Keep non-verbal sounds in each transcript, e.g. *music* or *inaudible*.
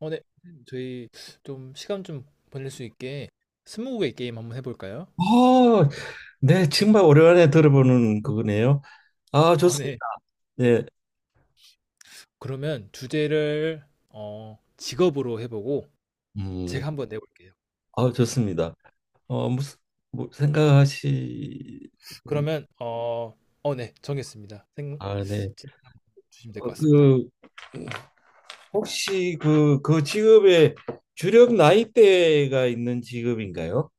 네. 선생님, 저희 좀 시간 좀 보낼 수 있게 스무고개 게임 한번 해볼까요? 어, 네, 정말 오랜만에 들어보는 그거네요. 아, 좋습니다. 네. 네, 그러면 주제를 직업으로 해보고 음, 제가 한번 내볼게요. 아, 좋습니다. 무슨 뭐 생각하시? 그러면 네. 정했습니다. 생, 아, 네. 질문 한번 주시면 될 어, 것 같습니다. 그 혹시 그 직업의 주력 나이대가 있는 직업인가요?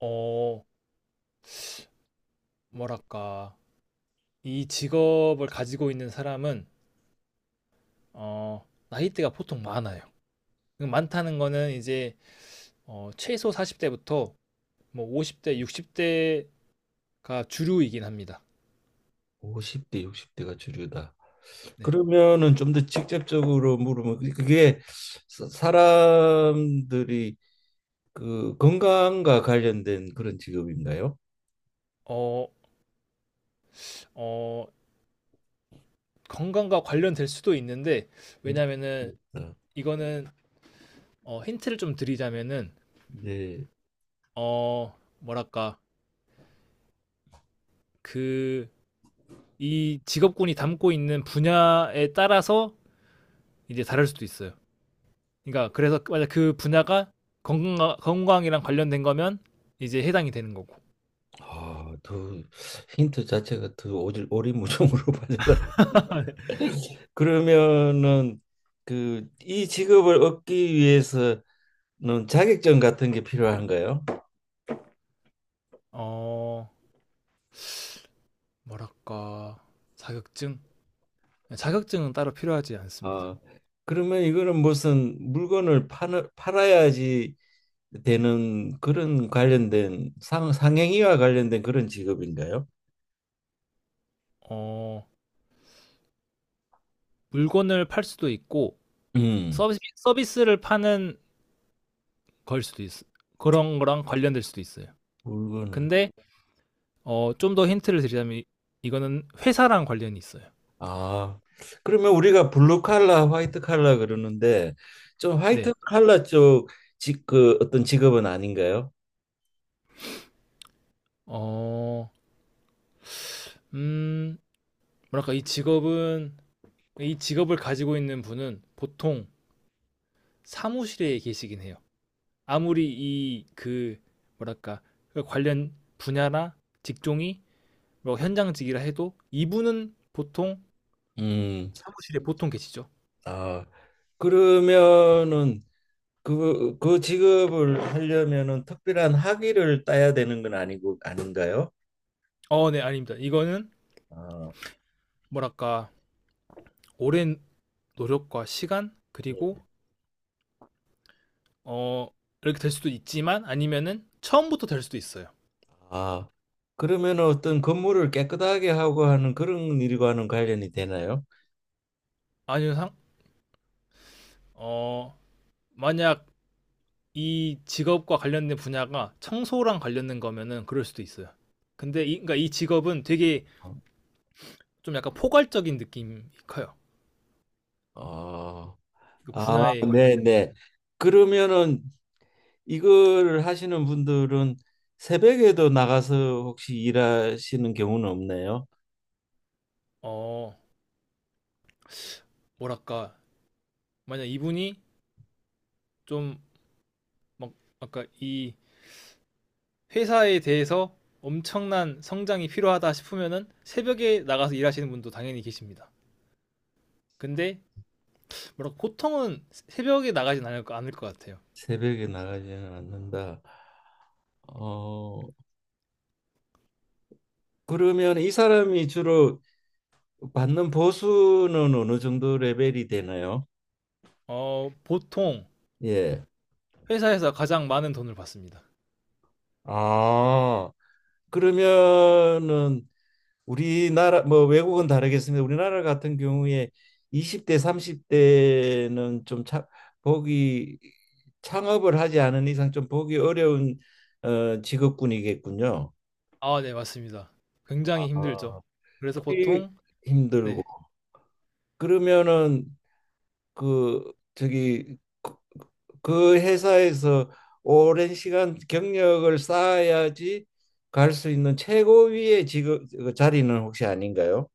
어, 뭐랄까. 이 직업을 가지고 있는 사람은 나이대가 보통 많아요. 많다는 거는 이제 최소 40대부터 뭐 50대, 60대가 주류이긴 합니다. 50대, 60대가 주류다. 네. 그러면은 좀 더 직접적으로 물으면 그게 사람들이 그 건강과 관련된 그런 직업인가요? 어, 어, 건강과 관련될 수도 있는데, 그러니까 왜냐면은, 이거는, 힌트를 좀 드리자면은, 이제 어, 뭐랄까, 그, 이 직업군이 담고 있는 분야에 따라서 이제 다를 수도 있어요. 그러니까, 그래서, 맞아, 그 분야가 건강, 건강이랑 관련된 거면 이제 해당이 되는 거고. 아더 힌트 자체가 더 오질 오리무중으로 *laughs* 빠져나. *laughs* 그러면은 그 이 직업을 얻기 위해서는 자격증 같은 게 필요한가요? 어, 뭐랄까, 자격증? 자격증은 따로 필요하지 않습니다. 아, 그러면 이거는 무슨 물건을 파는 팔아야지 되는 그런 관련된 상 상행위와 관련된 그런 직업인가요? 어, 물건을 팔 수도 있고, 음 서비스 서비스를 파는 걸 수도 있어. 그런 거랑 관련될 수도 있어요. 물건을. 근데 좀 더 힌트를 드리자면 이- 이거는 회사랑 관련이 있어요. 아, 그러면 우리가 블루 칼라, 화이트 칼라 그러는데 좀 화이트 네. 칼라 쪽 그 어떤 직업은 아닌가요? 어, 음, 뭐랄까 이 직업은 이 직업을 가지고 있는 분은 보통 사무실에 계시긴 해요. 아무리 이 그 뭐랄까 그 관련 분야나 직종이 뭐 현장직이라 해도 이분은 보통 음, 사무실에 보통 계시죠. 아, 그러면은 그 직업을 하려면은 특별한 학위를 따야 되는 건 아니고 아닌가요? 네, 아닙니다. 이거는 아, 뭐랄까 오랜 노력과 시간 그리고 네. 어 이렇게 될 수도 있지만 아니면은 처음부터 될 수도 있어요. 아, 그러면 어떤 건물을 깨끗하게 하고 하는 그런 일과는 관련이 되나요? 아니면 상, 어 만약 이 직업과 관련된 분야가 청소랑 관련된 거면은 그럴 수도 있어요. 근데 이, 그러니까 이 직업은 되게 어, 좀 약간 포괄적인 느낌이 커요. 아, 그 아, 분야에 관련 네, 네. 그러면은 이걸 하시는 분들은 새벽에도 나가서 혹시 일하시는 경우는 없네요. 어 뭐랄까 만약 이분이 좀 막 아까 이 회사에 대해서 엄청난 성장이 필요하다 싶으면은 새벽에 나가서 일하시는 분도 당연히 계십니다. 근데 뭐랄까 보통은 새벽에 나가진 않을, 거- 않을 것 같아요. 새벽에 나가지는 않는다. 어, 그러면 이 사람이 주로 받는 보수는 어느 정도 레벨이 되나요? 보통 예. 회사에서 가장 많은 돈을 받습니다. 아, 그러면은 우리나라 뭐 외국은 다르겠습니다. 우리나라 같은 경우에 20대, 30대는 좀 보기 창업을 하지 않은 이상 좀 보기 어려운 직업군이겠군요. 아, 네, 맞습니다. 굉장히 힘들죠. 아, 그래서 그게 보통 힘들고. 네. 그러면은 그 저기 그 회사에서 오랜 시간 경력을 쌓아야지 갈 수 있는 최고위의 직업, 그 자리는 혹시 아닌가요?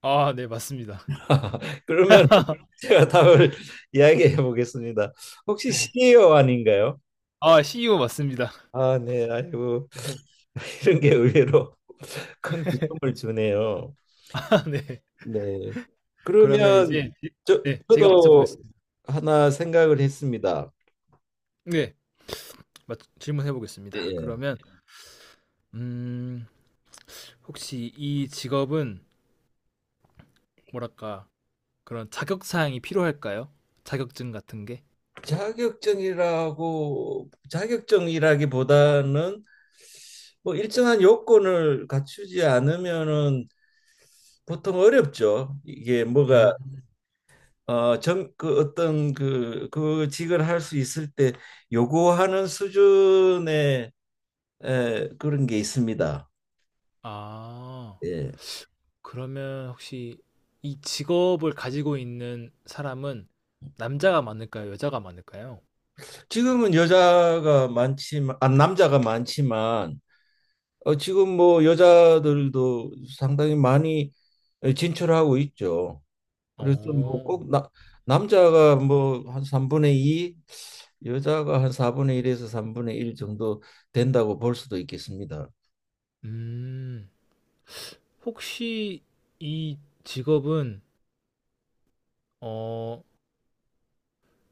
아, 네, 맞습니다. 그러면 *laughs* 제가 답을 이야기해 보겠습니다. 혹시 네. CEO 아닌가요? 아, CEO 맞습니다. 아, 네. 아이고, 네. *laughs* *laughs* 이런 게 의외로 *laughs* 큰 기쁨을 주네요. 아, 네. 네. 그러면 그러면 이제 지- 저, 네, 제가 맞춰 저도 보겠습니다. 하나 생각을 했습니다. 네. 맞, 질문해 보겠습니다. 예. 그러면 음, 혹시 이 직업은 뭐랄까? 그런 자격 사항이 필요할까요? 자격증 같은 게? 자격증이라고 자격증이라기보다는 뭐 일정한 요건을 갖추지 않으면은 보통 어렵죠. 이게 뭐가 음. 그 어떤 그 직을 할 수 있을 때 요구하는 수준의 그런 게 있습니다. 아. 예. 그러면 혹시 이 직업을 가지고 있는 사람은 남자가 많을까요? 여자가 많을까요? 지금은 여자가 많지만, 아, 남자가 많지만, 지금 뭐 여자들도 상당히 많이 진출하고 있죠. 그래서 뭐 어. 꼭 남자가 뭐 한 3분의 2, 여자가 한 4분의 1에서 3분의 1 정도 된다고 볼 수도 있겠습니다. 음. 혹시 이 직업은 어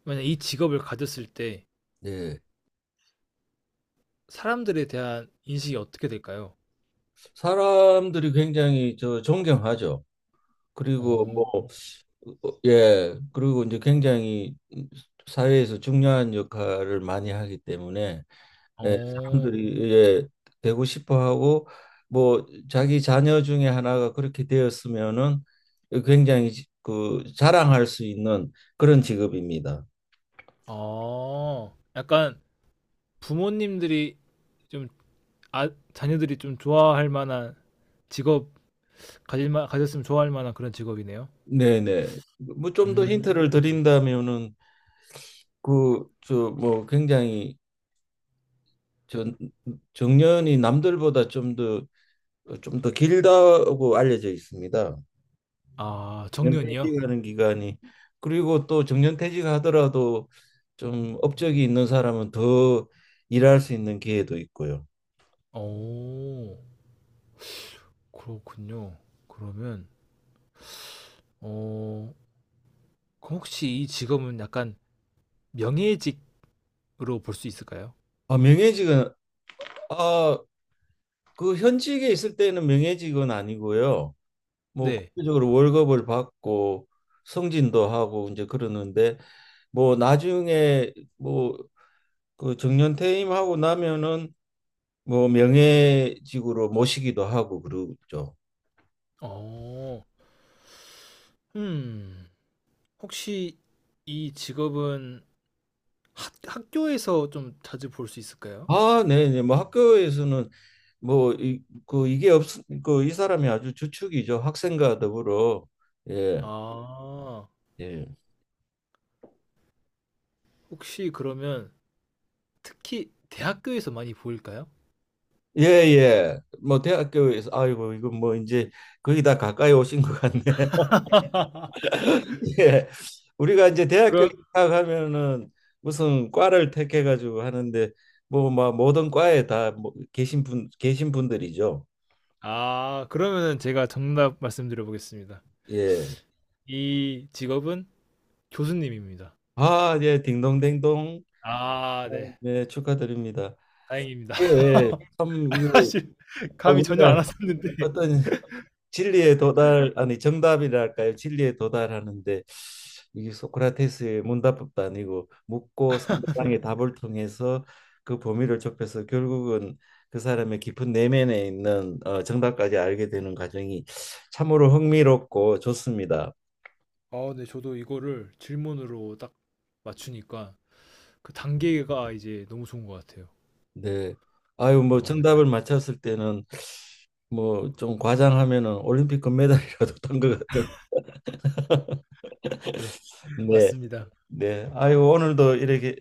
만약 이 직업을 가졌을 때 예. 사람들에 대한 인식이 어떻게 될까요? 사람들이 굉장히 저 존경하죠. 그리고 어. 뭐 예, 그리고 이제 굉장히 사회에서 중요한 역할을 많이 하기 때문에, 예, 어. 사람들이, 예, 되고 싶어 하고, 뭐 자기 자녀 중에 하나가 그렇게 되었으면은 굉장히 그 자랑할 수 있는 그런 직업입니다. 아. 약간 부모님들이 좀 아 자녀들이 좀 좋아할 만한 직업 가질 만 가졌으면 좋아할 만한 그런 직업이네요. 네네. 뭐 좀 더 힌트를 음. 드린다면은 그 저 뭐 굉장히 전 정년이 남들보다 좀 더 길다고 알려져 있습니다. 아, 정년이요? 정년퇴직하는 기간이. 그리고 또 정년퇴직하더라도 좀 업적이 있는 사람은 더 일할 수 있는 기회도 있고요. 오, 그렇군요. 그러면, 어, 그럼 혹시 이 직업은 약간 명예직으로 볼 수 있을까요? 아, 명예직은, 아, 그 현직에 있을 때는 명예직은 아니고요. 뭐 네. 국제적으로 월급을 받고 승진도 하고 이제 그러는데 뭐 나중에 뭐 그 정년 퇴임하고 나면은 뭐 명예직으로 모시기도 하고 그러죠. 어, 음, 혹시 이 직업은 학, 학교에서 좀 자주 볼 수 있을까요? 아, 네네. 뭐 학교에서는 뭐 이 그 이게 없 그 이 사람이 아주 주축이죠. 학생과 더불어. 예. 아, 예. 혹시 그러면 특히 대학교에서 많이 보일까요? 예, 예. 뭐 대학교에서 아이고 이거 뭐 이제 거의 다 가까이 오신 것 같네. *laughs* 예. 우리가 이제 대학교 그럼, 입학하면은 무슨 과를 택해 가지고 하는데 뭐 막 모든 과에 다 뭐 계신 분 계신 분들이죠. 아, 그러면은 제가 정답 말씀드려 보겠습니다. 예. 이 직업은 교수님입니다. 아, 예, 딩동댕동. 아 아, 네. 네, 축하드립니다. 다행입니다. 예, *laughs* 예. 참 이게, 사실 아, 감이 전혀 안 우리가 왔었는데. 어떤 진리에 도달, 아니 정답이랄까요, 진리에 도달하는데 이게 소크라테스의 문답법도 아니고 묻고 *laughs* 상대방의 답을 통해서 그 범위를 좁혀서 결국은 그 사람의 깊은 내면에 있는 정답까지 알게 되는 과정이 참으로 흥미롭고 좋습니다. 아 네. 저도 이거를 질문으로 딱 맞추니까 그 단계가 이제 너무 좋은 것 같아요. 네. 아유, 뭐 아 네. 정답을 맞췄을 때는 뭐 좀 과장하면은 올림픽 금메달이라도 *laughs* 탄 것 같은. *laughs* 네. 네. 맞습니다. 네. 아유, 오늘도 이렇게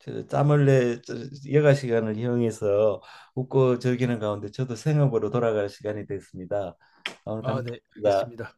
저 짬을 내 여가 시간을 이용해서 웃고 즐기는 가운데 저도 생업으로 돌아갈 시간이 됐습니다. 아, 오늘 아 네. 감사합니다. 알겠습니다.